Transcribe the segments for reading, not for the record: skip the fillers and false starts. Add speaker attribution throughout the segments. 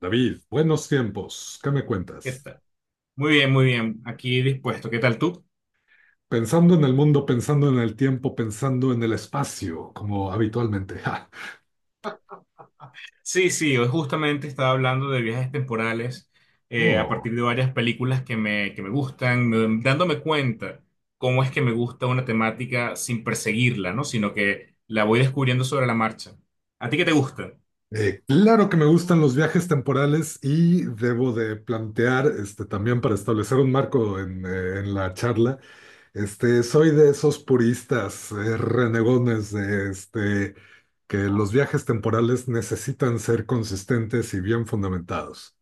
Speaker 1: David, buenos tiempos, ¿qué me
Speaker 2: ¿Qué
Speaker 1: cuentas?
Speaker 2: tal? Muy bien, muy bien. Aquí dispuesto. ¿Qué tal tú?
Speaker 1: Pensando en el mundo, pensando en el tiempo, pensando en el espacio, como habitualmente. Ja.
Speaker 2: Sí, sí, hoy justamente estaba hablando de viajes temporales a
Speaker 1: Oh.
Speaker 2: partir de varias películas que me gustan, dándome cuenta cómo es que me gusta una temática sin perseguirla, ¿no? Sino que la voy descubriendo sobre la marcha. ¿A ti qué te gusta?
Speaker 1: Claro que me gustan los viajes temporales y debo de plantear, este, también para establecer un marco en la charla, este, soy de esos puristas, renegones de, este, que los viajes temporales necesitan ser consistentes y bien fundamentados.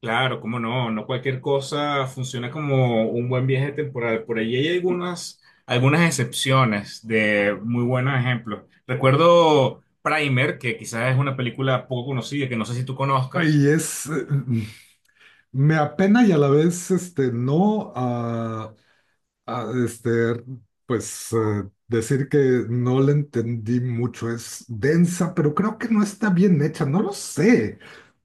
Speaker 2: Claro, cómo no, no cualquier cosa funciona como un buen viaje temporal. Por allí hay algunas excepciones de muy buenos ejemplos. Recuerdo Primer, que quizás es una película poco conocida, que no sé si tú conozcas.
Speaker 1: Y es. Me apena y a la vez, este, no, a, este, pues decir que no le entendí mucho, es densa, pero creo que no está bien hecha, no lo sé.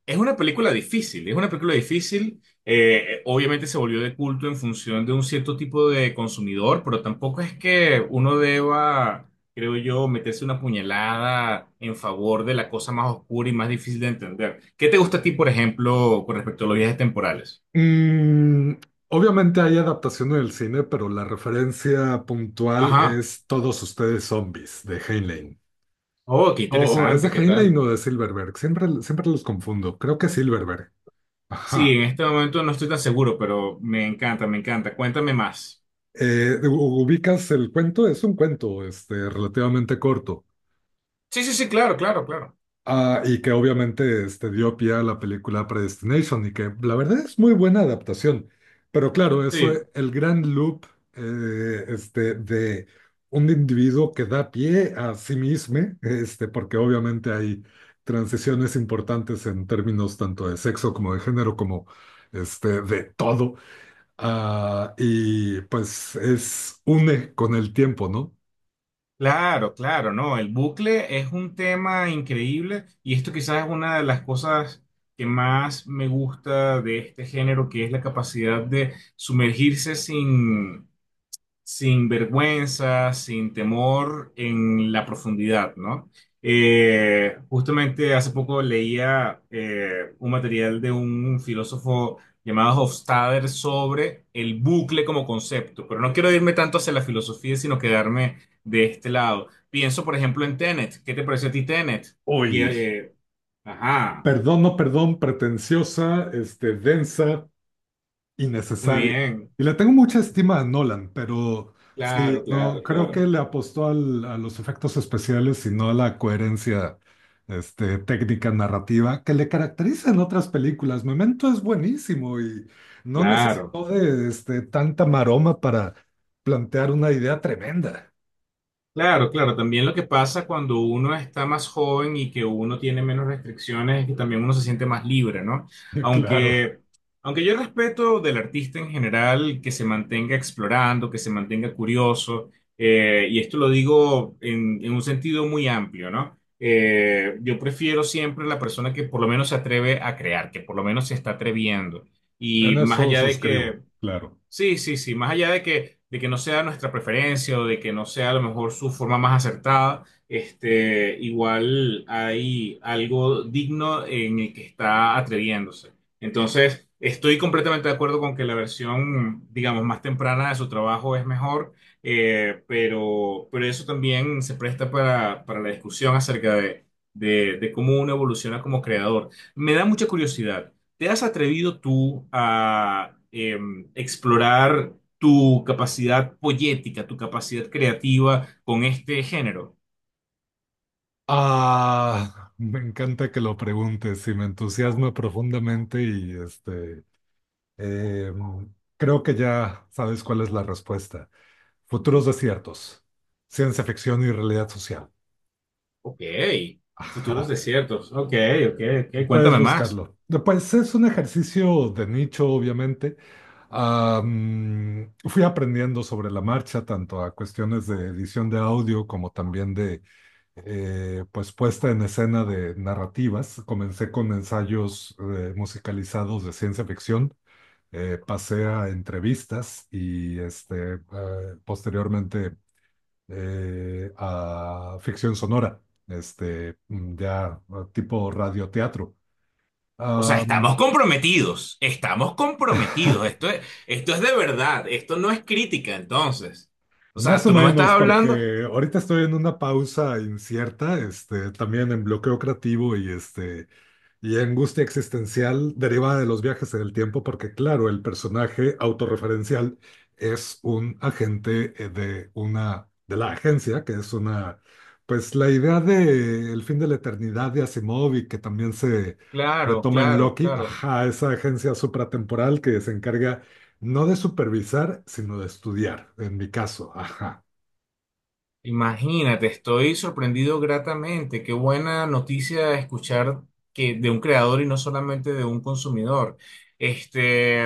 Speaker 2: Es una película difícil, es una película difícil. Obviamente se volvió de culto en función de un cierto tipo de consumidor, pero tampoco es que uno deba, creo yo, meterse una puñalada en favor de la cosa más oscura y más difícil de entender. ¿Qué te gusta a ti, por ejemplo, con respecto a los viajes temporales?
Speaker 1: Mm, obviamente hay adaptación en el cine, pero la referencia puntual
Speaker 2: Ajá.
Speaker 1: es Todos ustedes zombies de Heinlein.
Speaker 2: Oh, qué
Speaker 1: O es de
Speaker 2: interesante, ¿qué
Speaker 1: Heinlein
Speaker 2: tal?
Speaker 1: o de Silverberg, siempre los confundo, creo que Silverberg.
Speaker 2: Sí,
Speaker 1: Ajá.
Speaker 2: en este momento no estoy tan seguro, pero me encanta, me encanta. Cuéntame más.
Speaker 1: Ubicas el cuento, es un cuento, este, relativamente corto.
Speaker 2: Sí, sí, sí, claro, claro, claro.
Speaker 1: Ah, y que obviamente este, dio pie a la película Predestination y que la verdad es muy buena adaptación. Pero claro, eso,
Speaker 2: Sí.
Speaker 1: el gran loop este, de un individuo que da pie a sí mismo, este, porque obviamente hay transiciones importantes en términos tanto de sexo como de género, como este, de todo. Ah, y pues es une con el tiempo, ¿no?
Speaker 2: Claro, claro, no, el bucle es un tema increíble y esto quizás es una de las cosas que más me gusta de este género, que es la capacidad de sumergirse sin, sin vergüenza, sin temor en la profundidad, ¿no? Justamente hace poco leía un material de un filósofo llamado Hofstadter sobre el bucle como concepto, pero no quiero irme tanto hacia la filosofía, sino quedarme de este lado. Pienso, por ejemplo, en Tenet. ¿Qué te pareció a ti Tenet? Y,
Speaker 1: Uy,
Speaker 2: eh, ajá,
Speaker 1: perdón, no perdón, pretenciosa, este, densa.
Speaker 2: muy
Speaker 1: Innecesaria.
Speaker 2: bien,
Speaker 1: Y le tengo mucha estima a Nolan, pero sí,
Speaker 2: claro, claro,
Speaker 1: no, creo que
Speaker 2: claro,
Speaker 1: le a los efectos especiales y no a la coherencia, este, técnica narrativa que le caracteriza en otras películas. Memento es buenísimo y no
Speaker 2: claro.
Speaker 1: necesitó de, este, tanta maroma para plantear una idea tremenda.
Speaker 2: Claro, claro. También lo que pasa cuando uno está más joven y que uno tiene menos restricciones es que también uno se siente más libre, ¿no?
Speaker 1: Claro,
Speaker 2: Aunque, aunque yo respeto del artista en general que se mantenga explorando, que se mantenga curioso, y esto lo digo en un sentido muy amplio, ¿no? Yo prefiero siempre la persona que por lo menos se atreve a crear, que por lo menos se está atreviendo.
Speaker 1: en
Speaker 2: Y más
Speaker 1: eso
Speaker 2: allá de
Speaker 1: suscribo,
Speaker 2: que,
Speaker 1: claro.
Speaker 2: sí, sí, sí, más allá de que no sea nuestra preferencia o de que no sea a lo mejor su forma más acertada, este, igual hay algo digno en el que está atreviéndose. Entonces, estoy completamente de acuerdo con que la versión, digamos, más temprana de su trabajo es mejor, pero eso también se presta para la discusión acerca de, de cómo uno evoluciona como creador. Me da mucha curiosidad. ¿Te has atrevido tú a explorar tu capacidad poética, tu capacidad creativa con este género?
Speaker 1: Ah, me encanta que lo preguntes y me entusiasma profundamente y este. Eh, Creo que ya sabes cuál es la respuesta. Futuros
Speaker 2: Ujú.
Speaker 1: desiertos, ciencia ficción y realidad social.
Speaker 2: Ok, futuros
Speaker 1: Ajá,
Speaker 2: desiertos. Ok, ok, ok.
Speaker 1: puedes
Speaker 2: Cuéntame más.
Speaker 1: buscarlo. Pues es un ejercicio de nicho, obviamente. Fui aprendiendo sobre la marcha, tanto a cuestiones de edición de audio como también de pues puesta en escena de narrativas. Comencé con ensayos musicalizados de ciencia ficción, pasé a entrevistas y este, posteriormente a ficción sonora, este, mm, ya tipo radioteatro.
Speaker 2: O sea,
Speaker 1: Am,
Speaker 2: estamos comprometidos, estamos comprometidos. Esto es de verdad, esto no es crítica, entonces. O
Speaker 1: Más
Speaker 2: sea,
Speaker 1: o
Speaker 2: tú no me estás
Speaker 1: menos,
Speaker 2: hablando.
Speaker 1: porque ahorita estoy en una pausa incierta, este, también en bloqueo creativo y este, y angustia existencial derivada de los viajes en el tiempo, porque claro, el personaje autorreferencial es un agente de la agencia, que es una, pues la idea de el fin de la eternidad de Asimov y que también se
Speaker 2: Claro,
Speaker 1: retoma en
Speaker 2: claro,
Speaker 1: Loki,
Speaker 2: claro.
Speaker 1: ajá, esa agencia supratemporal que se encarga no de supervisar, sino de estudiar, en mi caso, ajá,
Speaker 2: Imagínate, estoy sorprendido gratamente. Qué buena noticia escuchar que de un creador y no solamente de un consumidor. Este,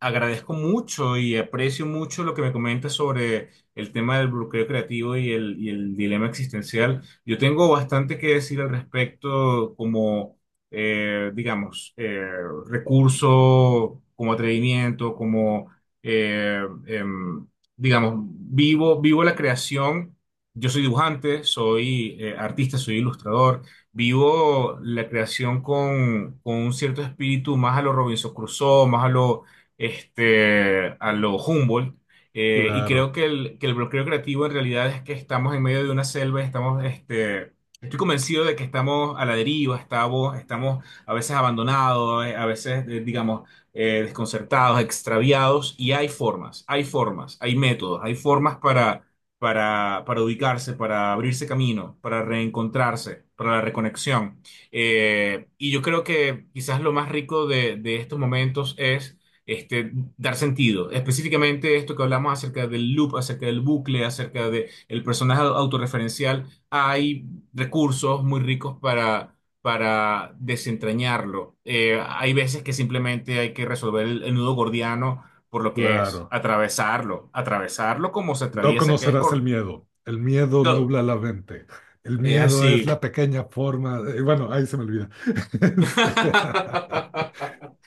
Speaker 2: agradezco mucho y aprecio mucho lo que me comentas sobre el tema del bloqueo creativo y y el dilema existencial. Yo tengo bastante que decir al respecto como, digamos, recurso, como atrevimiento, como, eh, em, digamos, vivo, vivo la creación. Yo soy dibujante, soy artista, soy ilustrador, vivo la creación con un cierto espíritu más a lo Robinson Crusoe, más a lo, este, a lo Humboldt, y
Speaker 1: claro,
Speaker 2: creo que que el bloqueo creativo en realidad es que estamos en medio de una selva, estamos, este, estoy convencido de que estamos a la deriva, estamos, estamos a veces abandonados, a veces, digamos, desconcertados, extraviados, y hay formas, hay formas, hay métodos, hay formas para para ubicarse, para abrirse camino, para reencontrarse, para la reconexión. Y yo creo que quizás lo más rico de estos momentos es este, dar sentido. Específicamente esto que hablamos acerca del loop, acerca del bucle, acerca del personaje autorreferencial, hay recursos muy ricos para desentrañarlo. Hay veces que simplemente hay que resolver el nudo gordiano por lo que es,
Speaker 1: claro.
Speaker 2: atravesarlo, atravesarlo como se
Speaker 1: No
Speaker 2: atraviesa, que es
Speaker 1: conocerás
Speaker 2: con...
Speaker 1: el miedo. El miedo
Speaker 2: todo.
Speaker 1: nubla la mente. El
Speaker 2: Es
Speaker 1: miedo es
Speaker 2: así.
Speaker 1: la pequeña forma. Bueno, ahí se me olvida. Este,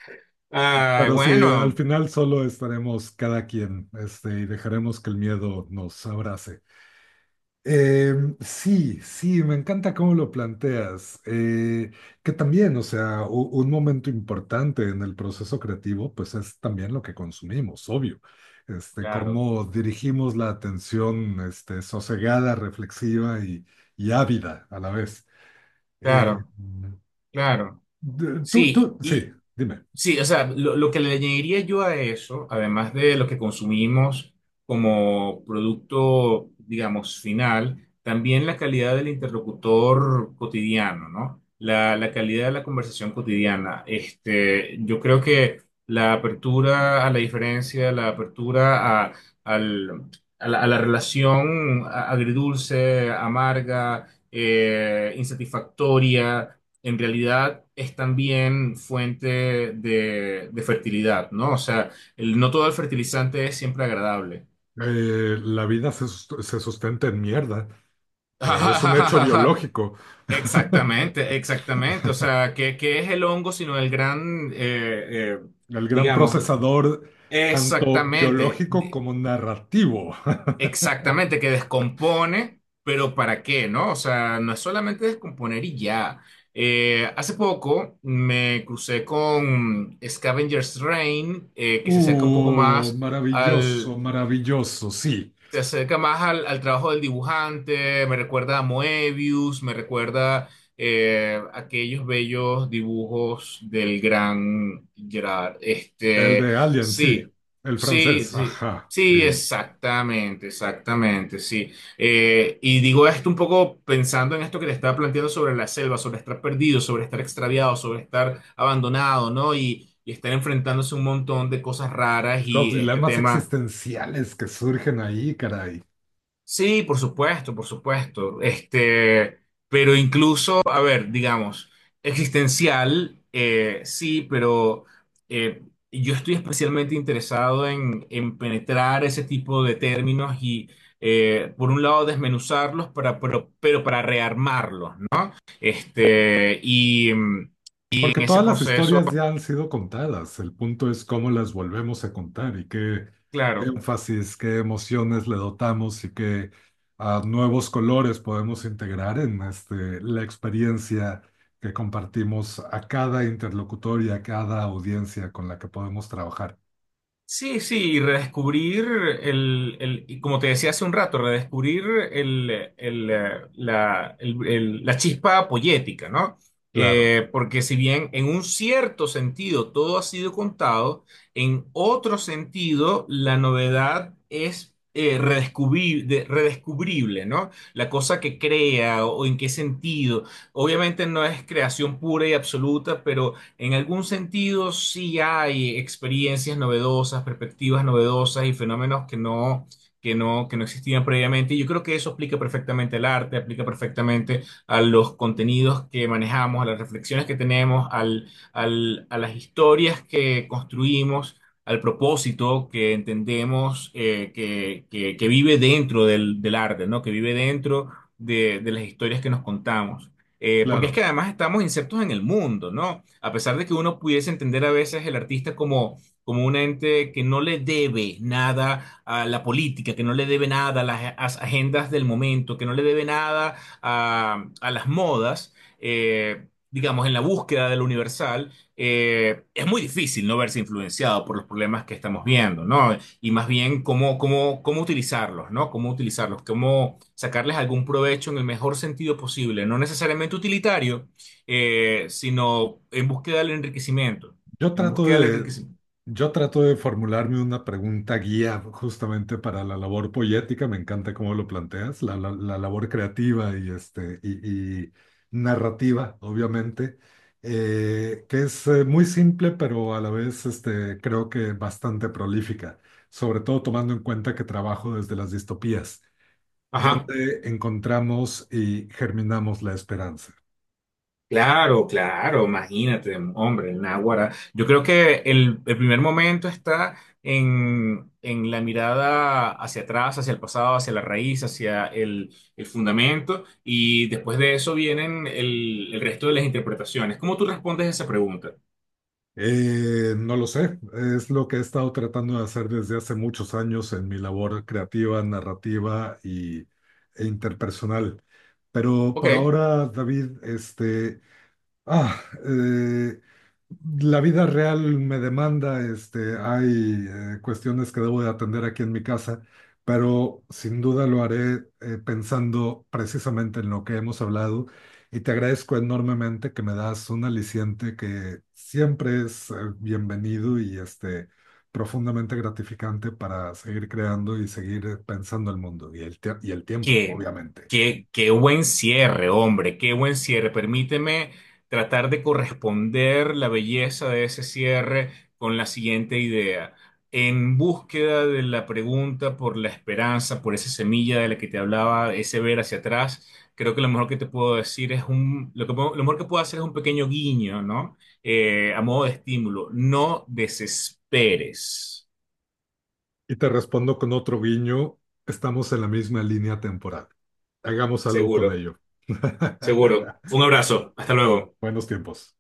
Speaker 2: Ay,
Speaker 1: pero sí, al
Speaker 2: bueno,
Speaker 1: final solo estaremos cada quien, este, y dejaremos que el miedo nos abrace. Sí, sí, me encanta cómo lo planteas. Que también, o sea, un momento importante en el proceso creativo, pues es también lo que consumimos, obvio. Este,
Speaker 2: claro,
Speaker 1: cómo dirigimos la atención, este, sosegada, reflexiva y ávida a la vez. Eh,
Speaker 2: claro, claro.
Speaker 1: de- tú,
Speaker 2: Sí,
Speaker 1: tú, sí,
Speaker 2: y,
Speaker 1: dime.
Speaker 2: sí, o sea, lo que le añadiría yo a eso, además de lo que consumimos como producto, digamos, final, también la calidad del interlocutor cotidiano, ¿no? La calidad de la conversación cotidiana. Este, yo creo que la apertura a la diferencia, la apertura a, al- a la relación agridulce, amarga, insatisfactoria en realidad es también fuente de fertilidad, ¿no? O sea, no todo el fertilizante es siempre agradable.
Speaker 1: La vida se sustenta en mierda. Es un hecho biológico.
Speaker 2: Exactamente, exactamente. O sea, ¿qué, qué es el hongo sino el gran, eh,
Speaker 1: El gran
Speaker 2: digamos,
Speaker 1: procesador, tanto
Speaker 2: exactamente.
Speaker 1: biológico como narrativo.
Speaker 2: Exactamente, que descompone, pero ¿para qué, no? O sea, no es solamente descomponer y ya. Hace poco me crucé con Scavenger's Reign, que se acerca un poco más,
Speaker 1: Maravilloso, maravilloso, sí.
Speaker 2: se acerca más al trabajo del dibujante, me recuerda a Moebius, me recuerda aquellos bellos dibujos del gran Gerard.
Speaker 1: El de
Speaker 2: Este,
Speaker 1: Alien, sí.
Speaker 2: sí,
Speaker 1: El
Speaker 2: sí,
Speaker 1: francés,
Speaker 2: sí.
Speaker 1: ajá,
Speaker 2: Sí,
Speaker 1: sí.
Speaker 2: exactamente, exactamente, sí. Y digo esto un poco pensando en esto que le estaba planteando sobre la selva, sobre estar perdido, sobre estar extraviado, sobre estar abandonado, ¿no? Y estar enfrentándose a un montón de cosas raras
Speaker 1: Los
Speaker 2: y este
Speaker 1: dilemas
Speaker 2: tema,
Speaker 1: existenciales que surgen ahí, caray.
Speaker 2: sí, por supuesto, por supuesto. Este, pero incluso, a ver, digamos, existencial, sí, pero eh, yo estoy especialmente interesado en penetrar ese tipo de términos y, por un lado, desmenuzarlos pero para rearmarlos, ¿no? Este,
Speaker 1: Porque
Speaker 2: en ese
Speaker 1: todas las
Speaker 2: proceso,
Speaker 1: historias ya han sido contadas, el punto es cómo las volvemos a contar y qué
Speaker 2: claro.
Speaker 1: énfasis, qué emociones le dotamos y qué nuevos colores podemos integrar en este, la experiencia que compartimos a cada interlocutor y a cada audiencia con la que podemos trabajar.
Speaker 2: Sí, sí, y redescubrir el, y como te decía hace un rato, redescubrir el, el, la chispa poética, ¿no?
Speaker 1: Claro,
Speaker 2: Porque si bien en un cierto sentido todo ha sido contado, en otro sentido la novedad es redescubrible, ¿no? La cosa que crea o en qué sentido. Obviamente no es creación pura y absoluta, pero en algún sentido, sí hay experiencias novedosas, perspectivas novedosas y fenómenos que no existían previamente. Y yo creo que eso aplica perfectamente al arte, aplica perfectamente a los contenidos que manejamos, a las reflexiones que tenemos, a las historias que construimos, al propósito que entendemos que vive dentro del, del arte, ¿no? Que vive dentro de las historias que nos contamos. Porque es que
Speaker 1: claro.
Speaker 2: además estamos insertos en el mundo, ¿no? A pesar de que uno pudiese entender a veces el artista como, como un ente que no le debe nada a la política, que no le debe nada a agendas del momento, que no le debe nada a, a las modas, digamos, en la búsqueda de lo universal, es muy difícil no verse influenciado por los problemas que estamos viendo, ¿no? Y más bien cómo utilizarlos, ¿no? Cómo utilizarlos, cómo sacarles algún provecho en el mejor sentido posible, no necesariamente utilitario, sino en búsqueda del enriquecimiento,
Speaker 1: Yo
Speaker 2: en
Speaker 1: trato
Speaker 2: búsqueda del
Speaker 1: de,
Speaker 2: enriquecimiento.
Speaker 1: yo trato de formularme una pregunta guía justamente para la labor poética. Me encanta cómo lo planteas, la labor creativa y, este, y narrativa, obviamente, que es muy simple, pero a la vez este, creo que bastante prolífica, sobre todo tomando en cuenta que trabajo desde las distopías,
Speaker 2: Ajá,
Speaker 1: donde encontramos y germinamos la esperanza.
Speaker 2: claro, claro, imagínate, hombre, el náguara. Yo creo que el primer momento está en la mirada hacia atrás, hacia el pasado, hacia la raíz, hacia el fundamento, y después de eso vienen el resto de las interpretaciones. ¿Cómo tú respondes a esa pregunta?
Speaker 1: No lo sé, es lo que he estado tratando de hacer desde hace muchos años en mi labor creativa, narrativa y, e interpersonal. Pero
Speaker 2: Ok,
Speaker 1: por ahora, David, este, Ah, eh, la vida real me demanda, este, hay cuestiones que debo de atender aquí en mi casa, pero sin duda lo haré pensando precisamente en lo que hemos hablado y te agradezco enormemente que me das un aliciente que siempre es bienvenido y este, profundamente gratificante para seguir creando y seguir pensando el mundo y y el tiempo,
Speaker 2: qué,
Speaker 1: obviamente.
Speaker 2: qué, qué buen cierre, hombre, qué buen cierre. Permíteme tratar de corresponder la belleza de ese cierre con la siguiente idea. En búsqueda de la pregunta por la esperanza, por esa semilla de la que te hablaba, ese ver hacia atrás, creo que lo mejor que te puedo decir es un, lo que, lo mejor que puedo hacer es un pequeño guiño, ¿no? A modo de estímulo. No desesperes.
Speaker 1: Y te respondo con otro guiño, estamos en la misma línea temporal. Hagamos algo con
Speaker 2: Seguro,
Speaker 1: ello.
Speaker 2: seguro. Un abrazo. Hasta luego.
Speaker 1: Buenos tiempos.